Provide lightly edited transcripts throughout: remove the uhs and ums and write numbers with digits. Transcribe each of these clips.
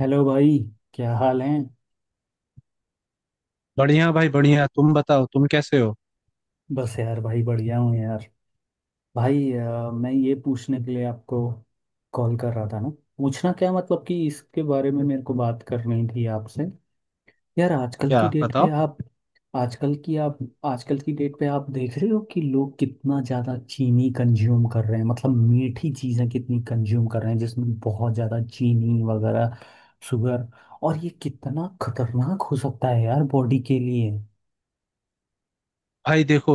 Hello भाई। क्या हाल है? बढ़िया भाई, बढ़िया। तुम बताओ, तुम कैसे हो? बस यार भाई, बढ़िया हूँ यार। भाई मैं ये पूछने के लिए आपको कॉल कर रहा था ना। पूछना, क्या मतलब कि इसके बारे में मेरे को बात करनी थी आपसे। यार आजकल की क्या डेट पे बताओ। आप, आजकल की आप, आजकल की डेट पे आप देख रहे हो कि लोग कितना ज़्यादा चीनी कंज्यूम कर रहे हैं, मतलब मीठी चीज़ें कितनी कंज्यूम कर रहे हैं जिसमें बहुत ज़्यादा चीनी वगैरह, शुगर। और ये कितना खतरनाक हो सकता है यार बॉडी के लिए? भाई देखो,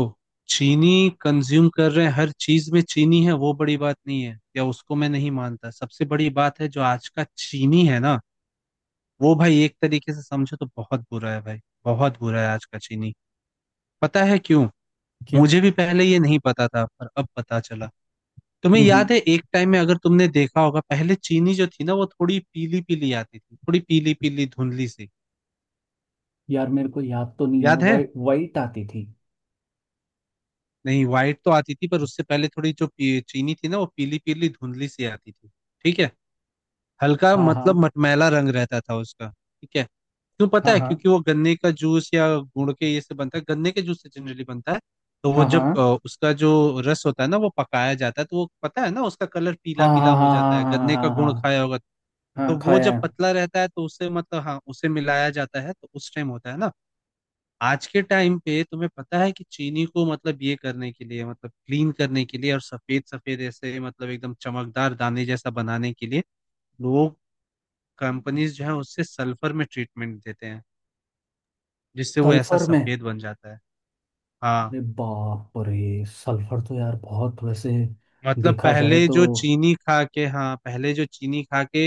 चीनी कंज्यूम कर रहे हैं, हर चीज में चीनी है, वो बड़ी बात नहीं है, या उसको मैं नहीं मानता। सबसे बड़ी बात है जो आज का चीनी है ना, वो भाई एक तरीके से समझो तो बहुत बुरा है। भाई बहुत बुरा है आज का चीनी। पता है क्यों? क्यों? मुझे भी पहले ये नहीं पता था पर अब पता चला। तुम्हें हम्म। याद हम्म। है, एक टाइम में अगर तुमने देखा होगा, पहले चीनी जो थी ना, वो थोड़ी पीली पीली आती थी, थोड़ी पीली पीली धुंधली सी। यार मेरे को याद तो नहीं है, याद है? वाइट वाइट आती थी। नहीं, व्हाइट तो आती थी पर उससे पहले थोड़ी जो चीनी थी ना, वो पीली पीली धुंधली सी आती थी। ठीक है? हल्का हाँ मतलब हाँ मटमैला रंग रहता था उसका। ठीक है? क्यों पता है? हाँ क्योंकि वो गन्ने का जूस या गुड़ के ये से बनता है, गन्ने के जूस से जनरली बनता है। तो वो हाँ जब हाँ। उसका जो रस होता है ना, वो पकाया जाता है, तो वो पता है ना, उसका कलर हाँ पीला पीला हाँ हो हाँ जाता है। हाँ। हाँ गन्ने का हाँ हाँ हाँ गुण खाया होगा। हाँ, तो हाँ, वो खाया जब है। पतला रहता है तो उससे मतलब हाँ उसे मिलाया जाता है, तो उस टाइम होता है ना। आज के टाइम पे तुम्हें पता है कि चीनी को मतलब ये करने के लिए, मतलब क्लीन करने के लिए और सफेद सफेद ऐसे मतलब एकदम चमकदार दाने जैसा बनाने के लिए, लोग, कंपनीज जो है, उससे सल्फर में ट्रीटमेंट देते हैं, जिससे वो ऐसा सल्फर में? सफेद बन जाता है। हाँ। अरे बाप रे, सल्फर तो यार बहुत वैसे मतलब देखा जाए पहले तो। जो चीनी खा के, हाँ, पहले जो चीनी खा के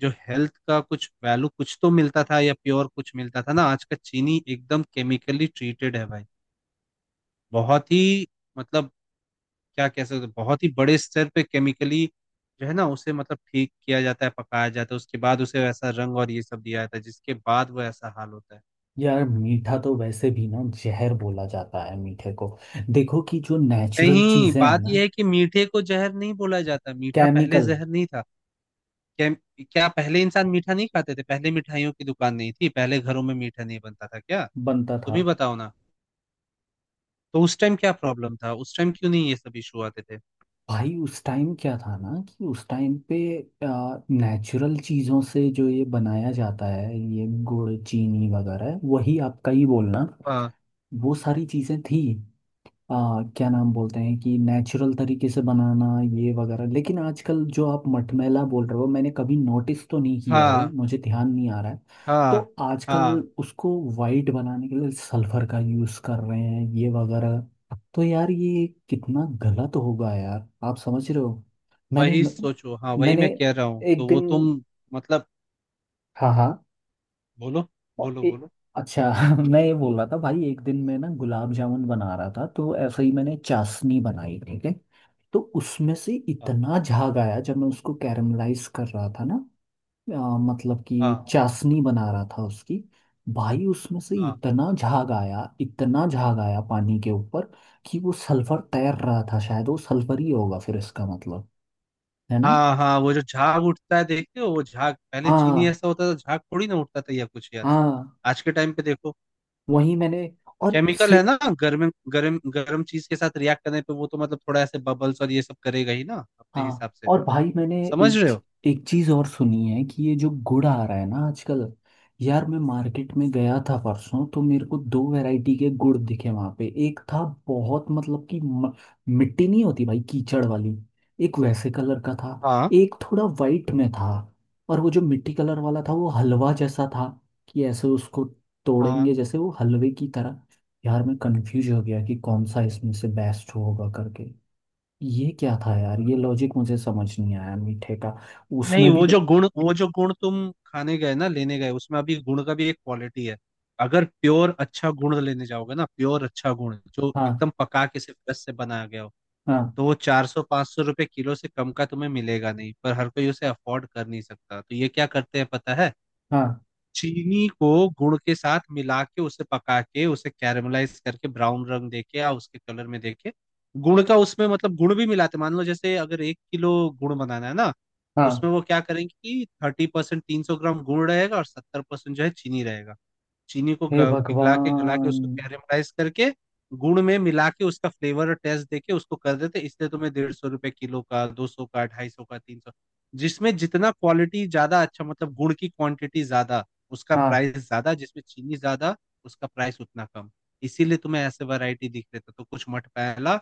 जो हेल्थ का कुछ वैल्यू, कुछ तो मिलता था, या प्योर कुछ मिलता था ना, आज का चीनी एकदम केमिकली ट्रीटेड है भाई। बहुत ही, मतलब क्या कह सकते हैं, बहुत ही बड़े स्तर पे केमिकली जो है ना उसे मतलब ठीक किया जाता है, पकाया जाता है, उसके बाद उसे वैसा रंग और ये सब दिया जाता है, जिसके बाद वो ऐसा हाल होता है। यार मीठा तो वैसे भी ना जहर बोला जाता है मीठे को। देखो कि जो नेचुरल नहीं, चीजें हैं बात ना। यह है कि मीठे को जहर नहीं बोला जाता। मीठा पहले केमिकल। जहर नहीं था। क्या? क्या पहले इंसान मीठा नहीं खाते थे? पहले मिठाइयों की दुकान नहीं थी? पहले घरों में मीठा नहीं बनता था क्या? बनता तुम ही था। बताओ ना। तो उस टाइम क्या प्रॉब्लम था? उस टाइम क्यों नहीं ये सब इशू आते थे? भाई उस टाइम क्या था ना कि उस टाइम पे नेचुरल चीज़ों से जो ये बनाया जाता है ये, गुड़ चीनी वगैरह, वही आपका ही बोलना। हाँ, वो सारी चीज़ें थी। क्या नाम बोलते हैं कि नेचुरल तरीके से बनाना ये वगैरह। लेकिन आजकल जो आप मटमैला बोल रहे हो, मैंने कभी नोटिस तो नहीं किया है, हाँ, मुझे ध्यान नहीं आ रहा है। तो हाँ, आजकल हाँ। उसको वाइट बनाने के लिए सल्फर का यूज़ कर रहे हैं ये वगैरह। तो यार ये कितना गलत होगा यार, आप समझ रहे हो। मैंने वही सोचो, हाँ, वही मैंने मैं कह रहा हूँ, एक तो वो दिन। तुम मतलब, हाँ हाँ। बोलो। और बोलो ए- बोलो। अच्छा। मैं ये बोल रहा था भाई, एक दिन मैं ना गुलाब जामुन बना रहा था, तो ऐसे ही मैंने चाशनी बनाई, ठीक है। तो उसमें से हाँ, इतना झाग आया जब मैं उसको कैरमलाइज कर रहा था ना। मतलब कि हाँ, चाशनी बना रहा था उसकी। भाई उसमें से हाँ, इतना झाग आया, इतना झाग आया पानी के ऊपर कि वो सल्फर तैर रहा था, शायद वो सल्फर ही होगा, फिर इसका मतलब है ना। हाँ, हाँ। वो जो झाग उठता है, देखते हो, वो झाग पहले चीनी हाँ ऐसा होता था? झाग थोड़ी ना उठता था या कुछ यार। हाँ। आज के टाइम पे देखो, वही मैंने। और केमिकल है से। ना, गर्म गर्म गर्म चीज के साथ रिएक्ट करने पे वो तो मतलब थोड़ा ऐसे बबल्स और ये सब करेगा ही ना अपने हाँ, हिसाब से। और भाई मैंने समझ एक रहे हो? एक चीज़ और सुनी है कि ये जो गुड़ आ रहा है ना आजकल, यार मैं मार्केट में गया था परसों, तो मेरे को दो वैरायटी के गुड़ दिखे वहाँ पे। एक था बहुत, मिट्टी नहीं होती भाई कीचड़ वाली, एक वैसे कलर का था। हाँ, एक थोड़ा वाइट में था। और वो जो मिट्टी कलर वाला था वो हलवा जैसा था, कि ऐसे उसको हाँ। तोड़ेंगे जैसे वो हलवे की तरह। यार मैं कंफ्यूज हो गया कि कौन सा इसमें से बेस्ट होगा करके। ये क्या था यार, ये लॉजिक मुझे समझ नहीं आया मीठे का। नहीं, उसमें भी वो तो। जो गुण, वो जो गुण तुम खाने गए ना, लेने गए, उसमें अभी गुण का भी एक क्वालिटी है। अगर प्योर अच्छा गुण लेने जाओगे ना, प्योर अच्छा गुण जो हाँ एकदम पका के सिर्फ रस से बनाया गया हो, हाँ। तो वो 400 500 रुपये किलो से कम का तुम्हें मिलेगा नहीं। पर हर कोई उसे अफोर्ड कर नहीं सकता, तो ये क्या करते हैं पता है? हाँ चीनी को गुड़ के साथ मिला के, उसे पका के, उसे कैरमलाइज करके ब्राउन रंग देके या उसके कलर में देके, गुड़ का उसमें मतलब गुड़ भी मिलाते। मान लो जैसे अगर 1 किलो गुड़ बनाना है ना, तो हाँ। उसमें वो क्या करेंगे कि 30%, 300 ग्राम गुड़ रहेगा और 70% जो है चीनी रहेगा। चीनी को हे पिघला के, गला के, भगवान। उसको कैरेमलाइज करके गुड़ में मिला के उसका फ्लेवर और टेस्ट देके उसको कर देते। इसलिए तुम्हें 150 रुपए किलो का, 200 का, 250 का, 300, जिसमें जितना क्वालिटी ज्यादा अच्छा, मतलब गुड़ की क्वांटिटी ज्यादा, उसका हाँ। प्राइस ज्यादा; जिसमें चीनी ज्यादा, उसका प्राइस उतना कम। इसीलिए तुम्हें ऐसे वैरायटी दिख रहे थे, तो कुछ मटमैला,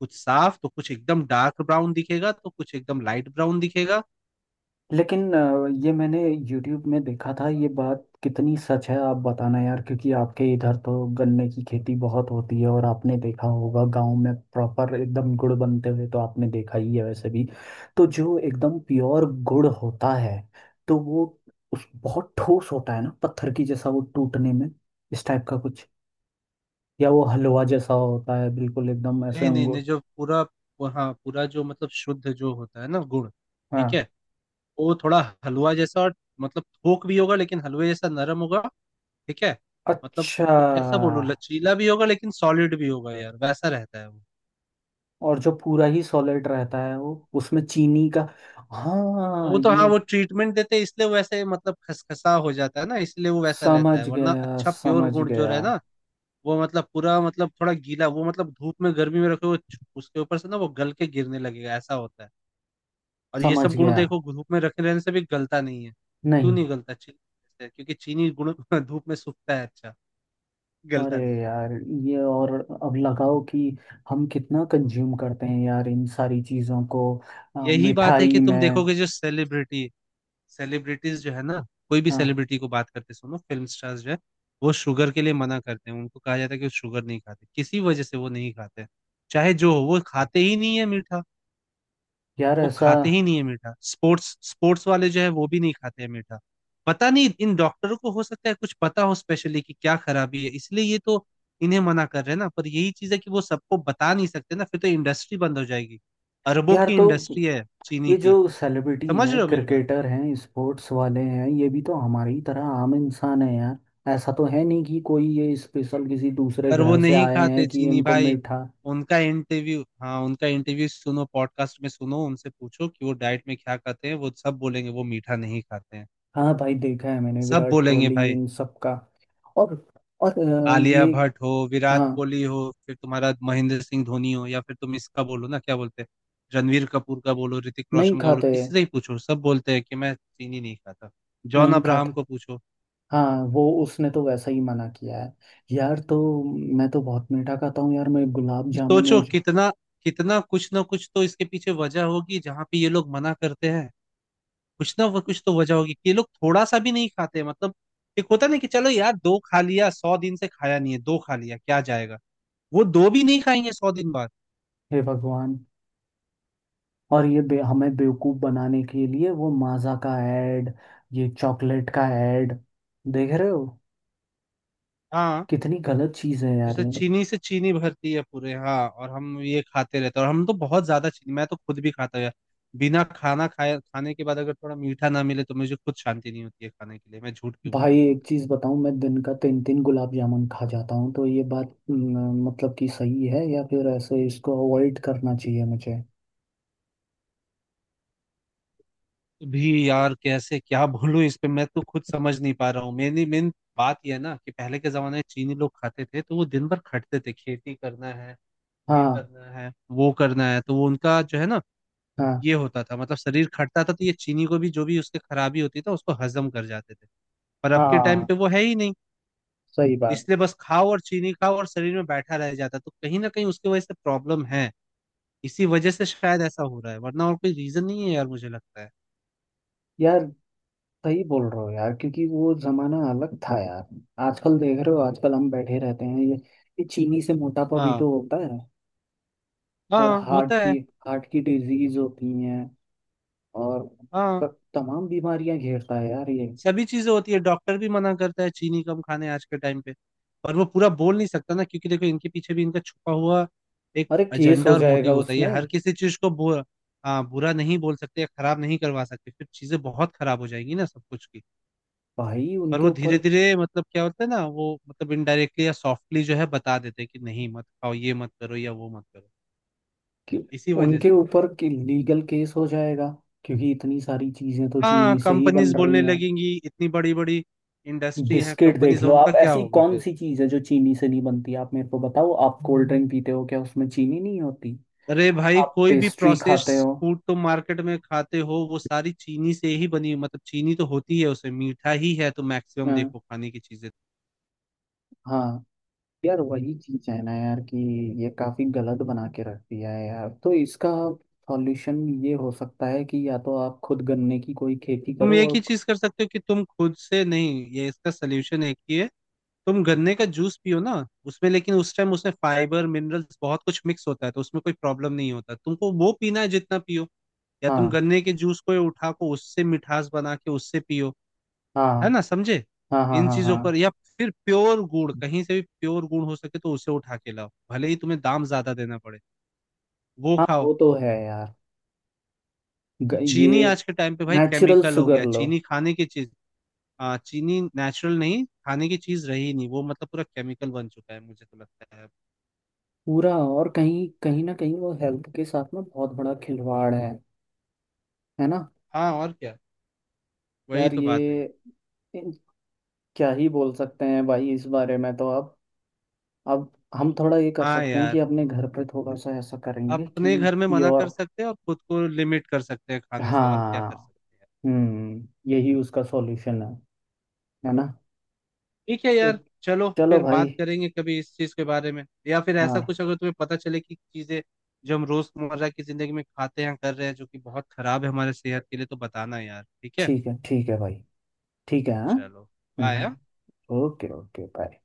कुछ साफ तो कुछ एकदम डार्क ब्राउन दिखेगा तो कुछ एकदम लाइट ब्राउन दिखेगा। लेकिन ये मैंने YouTube में देखा था। ये बात कितनी सच है आप बताना यार, क्योंकि आपके इधर तो गन्ने की खेती बहुत होती है और आपने देखा होगा गांव में प्रॉपर एकदम गुड़ बनते हुए, तो आपने देखा ही है वैसे भी। तो जो एकदम प्योर गुड़ होता है, तो वो, उस बहुत ठोस होता है ना पत्थर की जैसा, वो टूटने में इस टाइप का कुछ, या वो हलवा जैसा होता है बिल्कुल एकदम ऐसे नहीं नहीं नहीं, अंगूर। जो पूरा, हाँ, पूरा जो मतलब शुद्ध जो होता है ना गुड़, ठीक है, हाँ। वो थोड़ा हलवा जैसा, और मतलब थोक भी होगा लेकिन हलवे जैसा नरम होगा। ठीक है? मतलब अच्छा। वो कैसा बोलूं, लचीला भी होगा लेकिन सॉलिड भी होगा यार, वैसा रहता है वो। और जो पूरा ही सॉलिड रहता है वो उसमें चीनी का, हाँ वो तो हाँ, ये। वो ट्रीटमेंट देते हैं, इसलिए वो ऐसे मतलब खसखसा हो जाता है ना, इसलिए वो वैसा रहता है, समझ वरना गया अच्छा प्योर समझ गुड़ जो गया रहे ना, वो मतलब पूरा मतलब थोड़ा गीला, वो मतलब धूप में गर्मी में रखे वो उसके ऊपर से ना वो गल के गिरने लगेगा, ऐसा होता है। और ये समझ सब गुण गया। देखो, धूप में रखे रहने से भी गलता नहीं है। क्यों नहीं। नहीं गलता चीनी से? क्योंकि चीनी गुण धूप में सूखता है अच्छा, अरे गलता नहीं है। यार, ये और अब लगाओ कि हम कितना कंज्यूम करते हैं यार इन सारी चीज़ों को, यही बात है मिठाई कि तुम में। देखोगे जो सेलिब्रिटी, सेलिब्रिटीज जो है ना, कोई भी हाँ। सेलिब्रिटी को बात करते सुनो, फिल्म स्टार्स जो है, वो शुगर के लिए मना करते हैं। उनको कहा जाता है कि वो शुगर नहीं खाते, किसी वजह से वो नहीं खाते। चाहे जो हो वो खाते ही नहीं है मीठा, यार वो ऐसा। खाते ही नहीं है मीठा। स्पोर्ट्स, स्पोर्ट्स वाले जो है वो भी नहीं खाते हैं मीठा। पता नहीं, इन डॉक्टरों को हो सकता है कुछ पता हो स्पेशली कि क्या खराबी है, इसलिए ये तो इन्हें मना कर रहे हैं ना, पर यही चीज है कि वो सबको बता नहीं सकते ना, फिर तो इंडस्ट्री बंद हो जाएगी। अरबों यार की तो इंडस्ट्री है चीनी ये जो की। सेलिब्रिटी समझ हैं, रहे हो मेरी बात? क्रिकेटर हैं, स्पोर्ट्स वाले हैं, ये भी तो हमारी तरह आम इंसान है यार। ऐसा तो है नहीं कि कोई ये स्पेशल किसी दूसरे पर वो ग्रह से नहीं आए खाते हैं कि चीनी इनको भाई। मीठा। उनका इंटरव्यू, हाँ, उनका इंटरव्यू सुनो, पॉडकास्ट में सुनो, उनसे पूछो कि वो डाइट में क्या खाते हैं, वो सब बोलेंगे वो मीठा नहीं खाते हैं। हाँ भाई, देखा है मैंने सब विराट बोलेंगे कोहली भाई। इन सब का। और और आलिया ये। भट्ट हो, विराट हाँ। कोहली हो, फिर तुम्हारा महेंद्र सिंह धोनी हो, या फिर तुम इसका बोलो ना क्या बोलते हैं, रणवीर कपूर का बोलो, ऋतिक नहीं रोशन का बोलो, खाते हैं। किसी से ही पूछो, सब बोलते हैं कि मैं चीनी नहीं खाता। जॉन नहीं खाते। अब्राहम को पूछो। हाँ, वो उसने तो वैसा ही मना किया है। यार तो मैं तो बहुत मीठा खाता हूँ यार, मैं गुलाब जामुन सोचो रोज। कितना, कितना कुछ ना कुछ तो इसके पीछे वजह होगी जहाँ पे ये लोग मना करते हैं। कुछ ना कुछ तो वजह होगी कि ये लोग थोड़ा सा भी नहीं खाते मतलब। एक होता नहीं कि चलो यार दो खा लिया, 100 दिन से खाया नहीं है, दो खा लिया क्या जाएगा। वो दो भी नहीं खाएंगे 100 दिन बाद। हे भगवान। और हमें बेवकूफ बनाने के लिए वो माजा का ऐड, ये चॉकलेट का ऐड, देख रहे हो हाँ, कितनी गलत चीज है यार जैसे ये। चीनी से चीनी भरती है पूरे, हाँ, और हम ये खाते रहते हैं, और हम तो बहुत ज्यादा चीनी, मैं तो खुद भी खाता हूँ यार। बिना खाना खाए, खाने के बाद अगर थोड़ा मीठा ना मिले तो मुझे खुद शांति नहीं होती है खाने के लिए। मैं झूठ क्यों भाई बोलूँ तुम्हें। एक चीज बताऊं, मैं दिन का तीन तीन गुलाब जामुन खा जाता हूँ, तो ये बात न, मतलब कि सही है या फिर ऐसे इसको अवॉइड करना चाहिए मुझे? भी यार कैसे क्या बोलूं इस पे, मैं तो खुद समझ नहीं पा रहा हूँ। मेरी मेन बात यह है ना कि पहले के जमाने में चीनी लोग खाते थे तो वो दिन भर खटते थे, खेती करना है, ये हाँ करना है, वो करना है, तो वो उनका जो है ना हाँ। ये होता था, मतलब शरीर खटता था, तो ये चीनी को भी जो भी उसके खराबी होती था उसको हजम कर जाते थे। पर अब के टाइम हाँ, पे वो है ही नहीं, सही बात। इसलिए बस खाओ और चीनी खाओ और शरीर में बैठा रह जाता, तो कहीं ना कहीं उसकी वजह से प्रॉब्लम है। इसी वजह से शायद ऐसा हो रहा है, वरना और कोई रीजन नहीं है यार, मुझे लगता है। यार, सही बोल रहे हो यार, क्योंकि वो जमाना अलग था यार। आजकल देख रहे हो, आजकल हम बैठे रहते हैं ये। ये चीनी से मोटापा भी हाँ, तो होता है। और हाँ हार्ट होता की, है। हार्ट की डिजीज होती हैं। और हाँ। तमाम बीमारियां घेरता है यार ये। सभी चीजें होती है, डॉक्टर भी मना करता है चीनी कम खाने आज के टाइम पे। पर वो पूरा बोल नहीं सकता ना, क्योंकि देखो इनके पीछे भी इनका छुपा हुआ एक अरे केस एजेंडा हो और जाएगा मोटिव होता है, ये उसमें। हर किसी चीज को बुरा, हाँ, बुरा नहीं बोल सकते या खराब नहीं करवा सकते, फिर चीजें बहुत खराब हो जाएंगी ना सब कुछ की। भाई पर उनके वो धीरे ऊपर धीरे मतलब क्या होता है ना, वो मतलब इनडायरेक्टली या सॉफ्टली जो है बता देते हैं कि नहीं, मत खाओ ये, मत करो या वो मत करो। कि- इसी वजह उनके से, ऊपर कि लीगल केस हो जाएगा, क्योंकि इतनी सारी चीजें तो हाँ, चीनी से ही कंपनीज बन रही बोलने हैं। लगेंगी, इतनी बड़ी बड़ी इंडस्ट्री है, बिस्किट देख कंपनीज, लो उनका आप, क्या ऐसी होगा कौन फिर। सी चीज है जो चीनी से नहीं बनती, आप मेरे को बताओ। आप कोल्ड ड्रिंक पीते हो, क्या उसमें चीनी नहीं होती? अरे भाई, आप कोई भी पेस्ट्री खाते प्रोसेस्ड हो। फूड तुम मार्केट में खाते हो, वो सारी चीनी से ही बनी, मतलब चीनी तो होती है उसमें, मीठा ही है तो मैक्सिमम, हाँ। देखो खाने की चीजें। हाँ। यार वही चीज है ना यार, कि ये काफी गलत बना के रख दिया है यार। तो इसका सॉल्यूशन ये हो सकता है कि या तो आप खुद गन्ने की कोई खेती तुम करो, एक ही और चीज कर सकते हो कि तुम खुद से, नहीं, ये इसका सलूशन एक ही है, तुम गन्ने का जूस पियो ना, उसमें लेकिन उस टाइम उसमें फाइबर मिनरल्स बहुत कुछ मिक्स होता है, तो उसमें कोई प्रॉब्लम नहीं होता तुमको, वो पीना है जितना पियो, या तुम हाँ। गन्ने के जूस को उठा को उससे मिठास बना के उससे पियो। हाँ है ना, समझे? हाँ हाँ इन हाँ। चीजों पर, हाँ, या फिर प्योर गुड़, कहीं से भी प्योर गुड़ हो सके तो उसे उठा के लाओ भले ही तुम्हें दाम ज्यादा देना पड़े, वो हाँ खाओ। वो तो है यार। ये चीनी आज के टाइम पे भाई नेचुरल केमिकल हो शुगर गया, लो। चीनी खाने की चीज, चीनी नेचुरल नहीं खाने की चीज रही नहीं, वो मतलब पूरा केमिकल बन चुका है मुझे तो लगता है अब। पूरा, और कहीं कहीं ना कहीं वो हेल्थ के साथ में बहुत बड़ा खिलवाड़ है ना। हाँ, और क्या, वही यार तो बात है ये यार। इन- क्या ही बोल सकते हैं भाई इस बारे में, तो आप, अब हम थोड़ा ये कर हाँ सकते हैं कि यार, अपने घर पे थोड़ा सा ऐसा करेंगे अपने कि घर में मना कर प्योर। सकते हैं और खुद को लिमिट कर सकते हैं खाने से, और क्या कर हाँ। सकते हैं। हम्म, यही उसका सॉल्यूशन है ना। ठीक है तो यार। चलो, चलो फिर भाई। बात करेंगे कभी इस चीज के बारे में, या फिर ऐसा हाँ, कुछ अगर तुम्हें पता चले कि चीजें जो हम रोजमर्रा की जिंदगी में खाते हैं, कर रहे हैं, जो कि बहुत खराब है हमारे सेहत के लिए, तो बताना यार। ठीक है? ठीक है। ठीक है भाई, ठीक है। हाँ। चलो, बाय। हम्म। Okay okay, bye.